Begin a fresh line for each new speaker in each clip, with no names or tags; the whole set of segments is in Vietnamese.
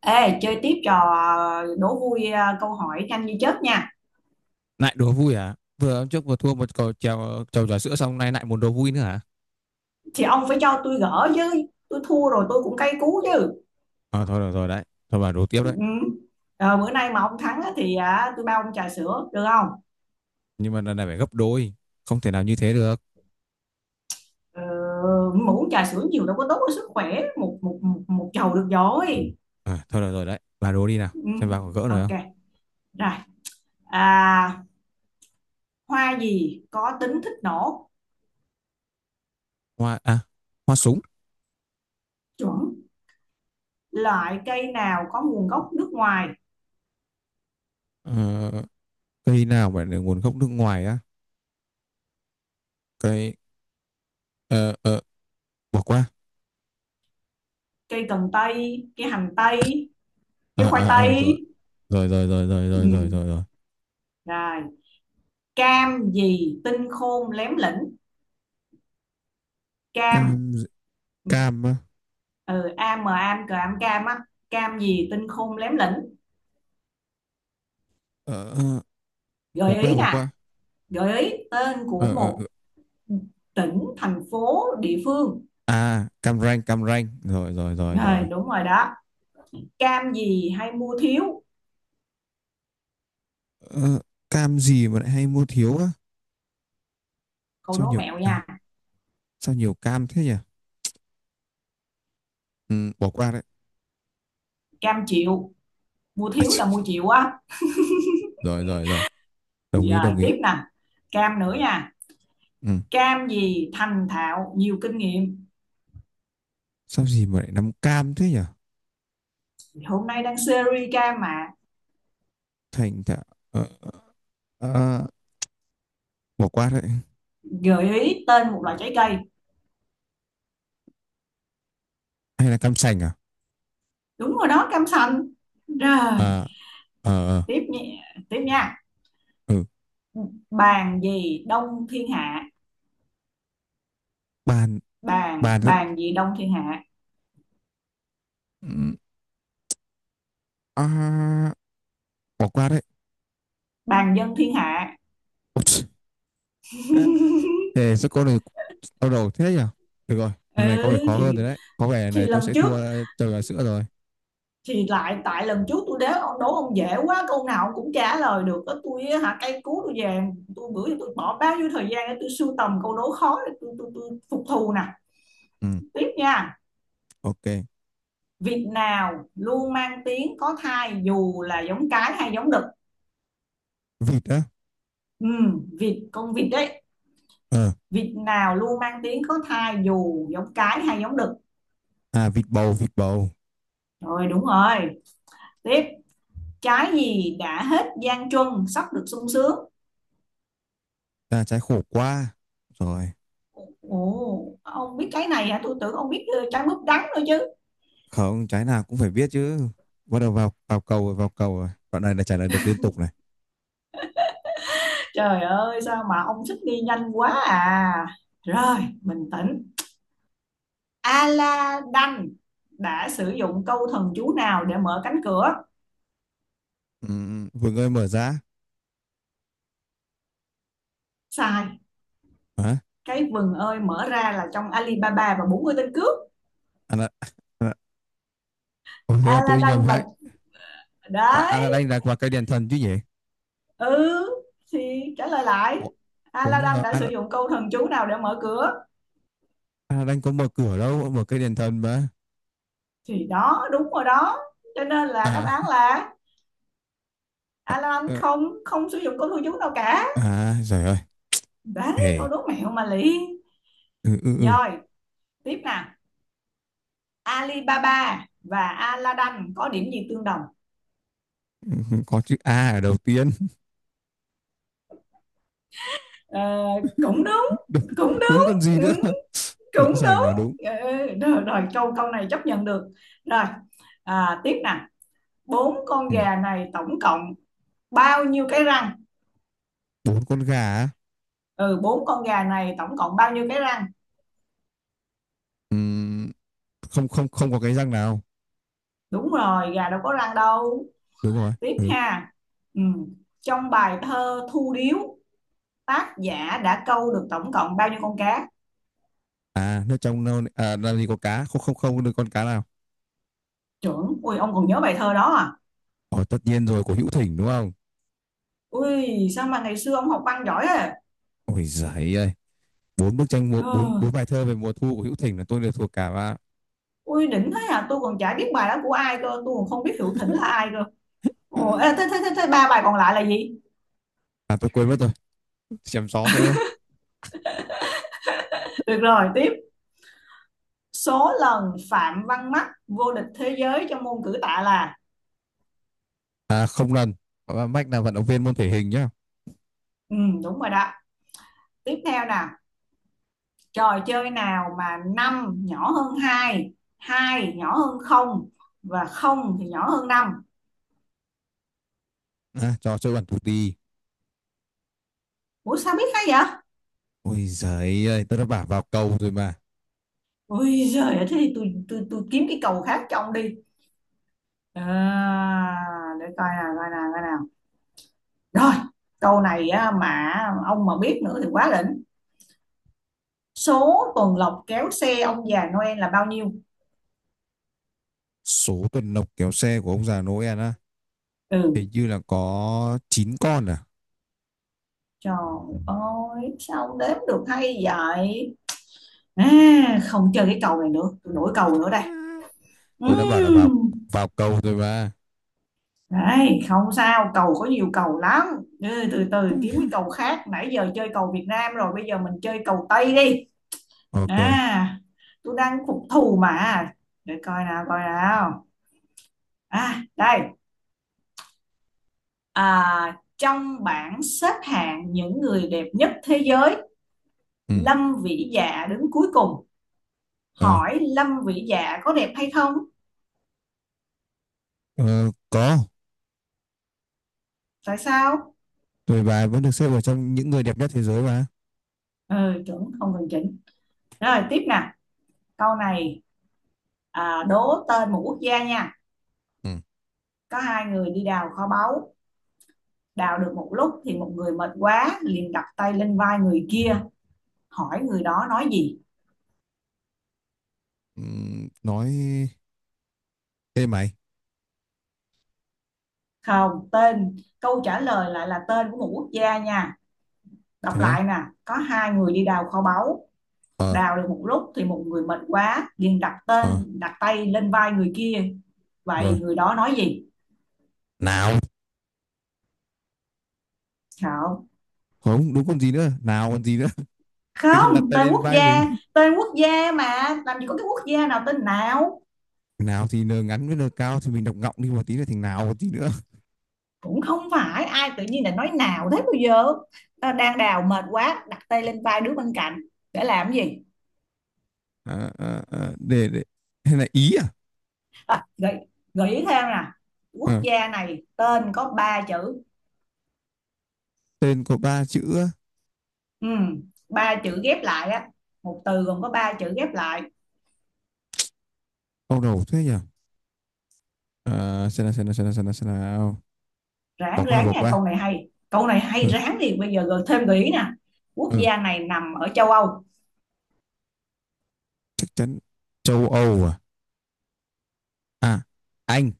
Ê, chơi tiếp trò đố vui à, câu hỏi nhanh như chớp nha.
Lại đố vui à? Vừa hôm trước vừa thua một cầu trèo trầu trà sữa xong nay lại muốn đố vui nữa hả?
Thì ông phải cho tôi gỡ chứ. Tôi thua rồi tôi cũng cay cú chứ.
À, thôi được rồi đấy. Thôi bà đố tiếp
Ừ.
đấy.
Ờ, bữa nay mà ông thắng á, thì tôi bao ông trà sữa, được không?
Nhưng mà lần này phải gấp đôi. Không thể nào như thế được.
Ờ, mà uống trà sữa nhiều đâu có tốt cho sức khỏe. Một chầu được rồi.
À, thôi được rồi đấy, bà đố đi nào.
Ừ.
Xem bà có gỡ rồi
Ok,
không.
rồi. À, hoa gì có tính thích nổ?
Hoa à? Hoa súng.
Chuẩn. Loại cây nào có nguồn gốc nước ngoài?
Ờ, Cây nào mà được nguồn gốc nước ngoài á? Cây. ờ ờ Bỏ qua.
Cây cần tây, cây hành tây, cây
À,
khoai
à, à, Rồi,
tây.
rồi, rồi, rồi, rồi,
Ừ.
rồi, rồi, rồi, rồi.
Rồi. Cam gì tinh khôn lém lĩnh?
Cam.
Cam.
Cam á.
Ừ, am mà am cờ am cam á. Cam gì tinh khôn lém lĩnh?
Ờ, ờ. Bỏ
Gợi
qua,
ý
bỏ
nè,
qua.
gợi ý tên
Ờ,
của
ờ, ờ.
một tỉnh thành phố địa phương.
À, Cam Ranh, Cam Ranh, rồi, rồi, rồi,
Rồi,
rồi.
đúng rồi đó. Cam gì hay mua thiếu?
Ờ, cam gì mà lại hay mua thiếu á?
Câu
Sao
đố
nhiều
mẹo
à,
nha.
sao nhiều cam thế nhỉ? Ừ, bỏ qua đấy.
Cam chịu. Mua
À,
thiếu
chì,
là mua chịu á.
rồi, rồi, rồi. Đồng ý,
Rồi,
đồng ý.
tiếp nè, cam nữa nha.
Ừ.
Cam gì thành thạo nhiều kinh nghiệm?
Sao gì mà lại nắm cam thế nhỉ?
Hôm nay đang series cam mà.
Thành thạo. Ờ, ờ, ờ, bỏ qua đấy.
Gợi ý tên một loại trái cây.
Hay là cam sành à?
Đúng rồi đó, cam sành. Rồi,
À, ờ, ờ.
tiếp nhé, tiếp nha.
Ừ.
Bàn gì đông thiên hạ?
Bàn.
bàn
Bàn rất.
bàn gì đông thiên hạ?
Ừ, à, bỏ qua đấy.
Bàn dân thiên hạ.
Ôi, chì. Thế sao con này, đau đầu thế nhỉ? Được rồi,
Ừ
lần này có vẻ khó hơn
thì
rồi đấy, có vẻ lần
thì
này tôi
lần
sẽ
trước,
thua. Ờ, trời, gà sữa rồi.
thì lại tại lần trước tôi đố ông dễ quá, câu nào ông cũng trả lời được đó, tôi á, hả, cây cú tôi về. Tôi bữa giờ tôi bỏ bao nhiêu thời gian để tôi sưu tầm câu đố khó để tôi phục thù nè.
Ừ,
Tiếp nha.
ok.
Việc nào luôn mang tiếng có thai dù là giống cái hay giống đực?
Vịt á.
Ừ, vịt, con vịt đấy.
Ờ.
Vịt nào luôn mang tiếng có thai dù giống cái hay giống đực?
À, vịt bầu, vịt bầu.
Rồi, đúng rồi. Tiếp. Trái gì đã hết gian truân sắp được sung sướng?
À, trái khổ qua. Rồi,
Ồ, ông biết cái này hả, tôi tưởng ông biết. Ờ, trái mướp đắng nữa chứ.
không, trái nào cũng phải biết chứ. Bắt đầu vào vào cầu rồi, vào cầu rồi. Đoạn này là trả lời được liên tục này.
Trời ơi sao mà ông thích đi nhanh quá à. Rồi, bình tĩnh. Aladdin đã sử dụng câu thần chú nào để mở cánh cửa?
Ừ, Vương ơi mở ra.
Sai.
Hả?
Cái vừng ơi mở ra là trong Alibaba và 40 tên cướp.
À, là, à, là, Ủa, thế là tôi nhầm
Aladdin
hại.
và,
Anh
đấy.
Aladdin là vào cây đèn thần chứ nhỉ?
Ừ, thì trả lời lại.
Ủa, Ủa nhưng
Aladdin
mà
đã sử dụng câu thần chú nào để mở cửa?
Aladdin có mở cửa đâu, mở cây đèn thần mà.
Thì đó đúng rồi đó, cho nên là đáp
À,
án là Aladdin
ờ,
không không sử dụng câu thần chú nào cả.
à, trời ơi.
Đấy, câu
Hề.
đố mẹo mà lị.
Ừ, ừ, ừ.
Rồi, tiếp nè. Alibaba và Aladdin có điểm gì tương đồng?
Ừ, có chữ A ở đầu tiên.
Ờ, cũng đúng.
Đúng,
Cũng
đúng
đúng.
còn gì
Ừ,
nữa. Rõ
cũng
ràng
đúng.
là đúng.
Ừ, rồi, rồi câu câu này chấp nhận được. Rồi, à, tiếp nè. Bốn con
Ừ.
gà này tổng cộng bao nhiêu cái răng?
Bốn con gà á.
Ừ, bốn con gà này tổng cộng bao nhiêu cái răng?
Ừm, không không không có cái răng nào.
Đúng rồi, gà đâu có răng đâu.
Đúng rồi.
Tiếp
Ừ.
ha. Ừ. Trong bài thơ Thu Điếu, tác giả đã câu được tổng cộng bao nhiêu con cá?
À, nước trong nâu à, làm gì có cá, không không không được con cá nào.
Trưởng ui, ông còn nhớ bài thơ đó à?
Ồ, tất nhiên rồi, của Hữu Thỉnh đúng không?
Ui, sao mà ngày xưa ông học văn giỏi à?
Ôi giời ơi. Bốn bức tranh mùa,
Ừ.
bốn bốn bài thơ về mùa thu của Hữu Thỉnh là tôi đều thuộc cả và
Ui, đỉnh thế à, tôi còn chả biết bài đó của ai cơ, tôi còn không biết Hữu Thỉnh là ai cơ. Ồ, thế ba bài còn lại là gì?
à tôi quên mất rồi. Chém gió thế thôi.
Được rồi, tiếp. Số lần Phạm Văn Mắc vô địch thế giới trong môn cử tạ là?
À không lần. Và Mách là vận động viên môn thể hình nhá.
Ừ, đúng rồi đó. Tiếp theo nè, trò chơi nào mà 5 nhỏ hơn hai, 2 nhỏ hơn không, và không thì nhỏ hơn 5.
À, trò chơi bản tù tì.
Ủa sao biết hay vậy?
Ôi giời ơi, tôi đã bảo vào cầu rồi mà.
Ui giời ơi, thế thì tôi kiếm cái câu khác cho ông đi. À, để coi nào. Rồi, câu này á, mà ông mà biết nữa thì quá đỉnh. Số tuần lộc kéo xe ông già Noel là bao nhiêu?
Số tuần lộc kéo xe của ông già Noel á,
Ừ,
hình như là có 9 con.
trời ơi, sao đếm được hay vậy? À, không chơi cái cầu này nữa, tôi đổi cầu nữa đây.
À? Tôi đã bảo là vào
Ừm.
vào cầu rồi bà.
Đấy, không sao, cầu có nhiều cầu lắm. Ừ, từ từ kiếm cái cầu khác. Nãy giờ chơi cầu Việt Nam rồi, bây giờ mình chơi cầu Tây đi.
Ok.
À, tôi đang phục thù mà. Để coi nào. À, đây. À, trong bảng xếp hạng những người đẹp nhất thế giới,
Ừ.
Lâm Vĩ Dạ đứng cuối cùng.
Ờ.
Hỏi Lâm Vĩ Dạ có đẹp hay không?
Ờ, có.
Tại sao?
Tuổi bà vẫn được xếp vào trong những người đẹp nhất thế giới mà.
Ừ, chuẩn không cần chỉnh. Rồi, tiếp nè. Câu này đố tên một quốc gia nha.
Ừ.
Có hai người đi đào kho báu, đào được một lúc thì một người mệt quá liền đặt tay lên vai người kia, hỏi người đó nói gì?
Ừ, nói ê mày.
Không, tên câu trả lời lại là tên của một quốc gia nha. Đọc
Thế á?
lại nè, có hai người đi đào kho báu,
Ờ.
đào được một lúc thì một người mệt quá liền
Ờ.
đặt tay lên vai người kia. Vậy
Rồi.
người đó nói gì?
Nào.
Không.
Không đúng còn gì nữa, nào còn gì nữa. Tự nhiên đặt
Không,
tay lên vai mình.
tên quốc gia mà làm gì có cái quốc gia nào tên nào?
Nào thì n ngắn với n cao thì mình đọc ngọng đi một tí nữa thì nào còn gì nữa.
Cũng không phải, ai tự nhiên là nói nào thế bây giờ, ta đang đào mệt quá đặt tay lên vai đứa bên cạnh để làm gì?
À, à, à, để hay là ý à.
À, gợi ý thêm nè. Quốc
Ờ,
gia này tên có ba chữ.
tên có ba chữ.
Ừ, ba chữ ghép lại á, một từ gồm có ba chữ ghép lại.
Ông đầu thế nhỉ? À, xem nào, xem nào, xem nào, xem nào, xem nào.
ráng
Bỏ qua,
ráng
bỏ
nha, câu
qua.
này hay, câu này hay,
Ừ,
ráng đi, bây giờ gợi thêm gợi ý nè. Quốc
ừ,
gia này nằm ở châu Âu.
chắc chắn. Châu Âu à? À, Anh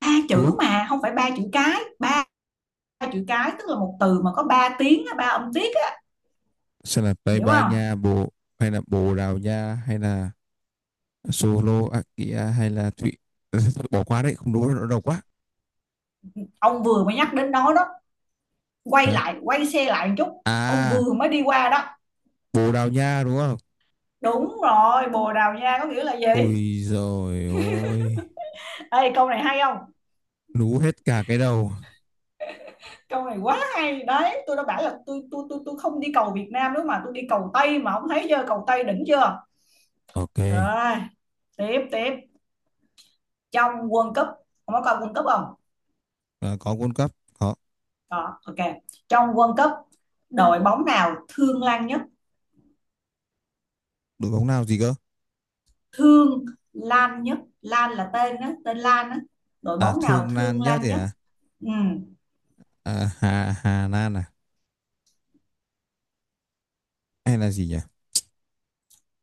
Ba
đúng
chữ
không?
mà không phải ba chữ cái, ba chữ cái tức là một từ mà có ba tiếng ba âm tiết á,
Sẽ là Tây
hiểu
Ban
không?
Nha, hay là Bồ Đào Nha, hay là Slovakia, hay là bỏ qua đấy. Không đúng, nó đầu quá.
Ông vừa mới nhắc đến nó đó, quay
Hả?
lại quay xe lại một chút, ông
À,
vừa mới đi qua đó.
Bồ Đào Nha đúng không?
Đúng rồi, Bồ Đào Nha có nghĩa là gì.
Ôi rồi, ôi
Ê, câu này hay không?
lú hết cả cái đầu.
Câu này quá hay đấy. Tôi đã bảo là tôi không đi cầu Việt Nam nữa mà tôi đi cầu Tây mà, ông thấy chưa, cầu Tây đỉnh chưa.
Ok.
Rồi, tiếp tiếp. Trong World Cup, ông có coi World Cup không?
À, có World Cup, có.
Đó ok. Trong World Cup, đội bóng nào thương Lan nhất?
Đội bóng nào gì cơ?
Thương Lan nhất, Lan là tên đó, tên Lan đó. Đội
À,
bóng nào
Thương Lan
thương
nhất
Lan
thì
nhất?
à,
Ừ.
à, Hà Hà Lan à? Hay là gì nhỉ?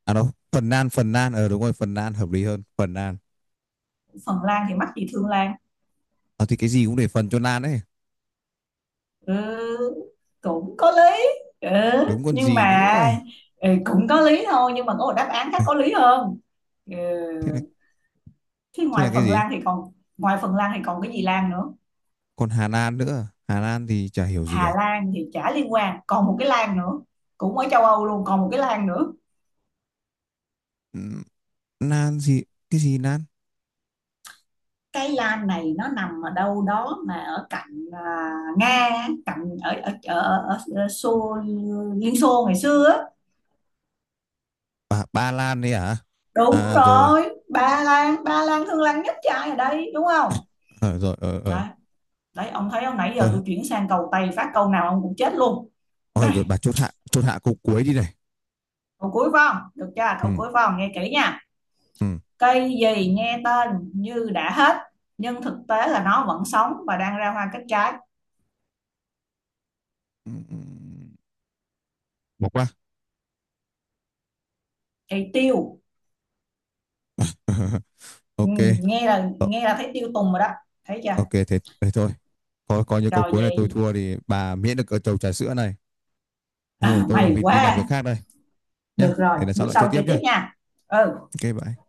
À đâu, Phần Lan, Phần Lan, đúng rồi Phần Lan hợp lý hơn, Phần Lan.
Phần Lan thì mắc gì thương Lan.
Ờ thì cái gì cũng để phần cho Lan ấy.
Ừ, cũng có lý. Ừ,
Đúng còn
nhưng
gì
mà
nữa.
ừ, cũng có lý thôi nhưng mà có một đáp án khác có lý hơn. Ừ.
Thế là,
Thế
thế là
ngoài
cái
Phần
gì?
Lan thì còn, ngoài Phần Lan thì còn cái gì Lan nữa?
Còn Hà Lan nữa. Hà Lan thì chả hiểu gì cả.
Hà Lan thì chả liên quan, còn một cái Lan nữa, cũng ở châu Âu luôn, còn một cái Lan nữa.
Ừ, Lan gì? Cái gì Lan?
Cái Lan này nó nằm ở đâu đó mà ở cạnh à, Nga, cạnh ở Xô, Liên Xô ngày xưa á.
À, Ba Lan đấy à?
Đúng
À rồi.
rồi, Ba Lan, Ba Lan thương Lan nhất trai ở đây đúng không.
Ờ rồi. Ờ, ờ.
Đấy, ông thấy không, nãy giờ
Thôi.
tôi chuyển sang cầu Tây phát câu nào ông cũng chết luôn.
Ờ rồi,
Đây,
bà chốt hạ. Chốt hạ câu cuối đi này.
câu cuối phải không, được chưa, câu
Ừ.
cuối phải không, nghe kỹ nha.
Ừ.
Cây gì nghe tên như đã hết nhưng thực tế là nó vẫn sống và đang ra hoa kết trái?
Ừ, ừ. Bỏ qua.
Cây tiêu. Ừ,
Ok.
nghe là
Ờ,
nghe là thấy tiêu tùng rồi đó. Thấy chưa?
ok, thế thôi. Coi coi như câu
Rồi
cuối này tôi
vậy.
thua thì bà miễn được ở chầu trà sữa này. Thôi,
À,
tôi còn
mày
việc đi làm việc
quá.
khác đây. Nhá.
Được rồi,
Để lần sau
bữa
lại chơi
sau
tiếp
chơi
nhá.
tiếp nha. Ừ
Ok bye.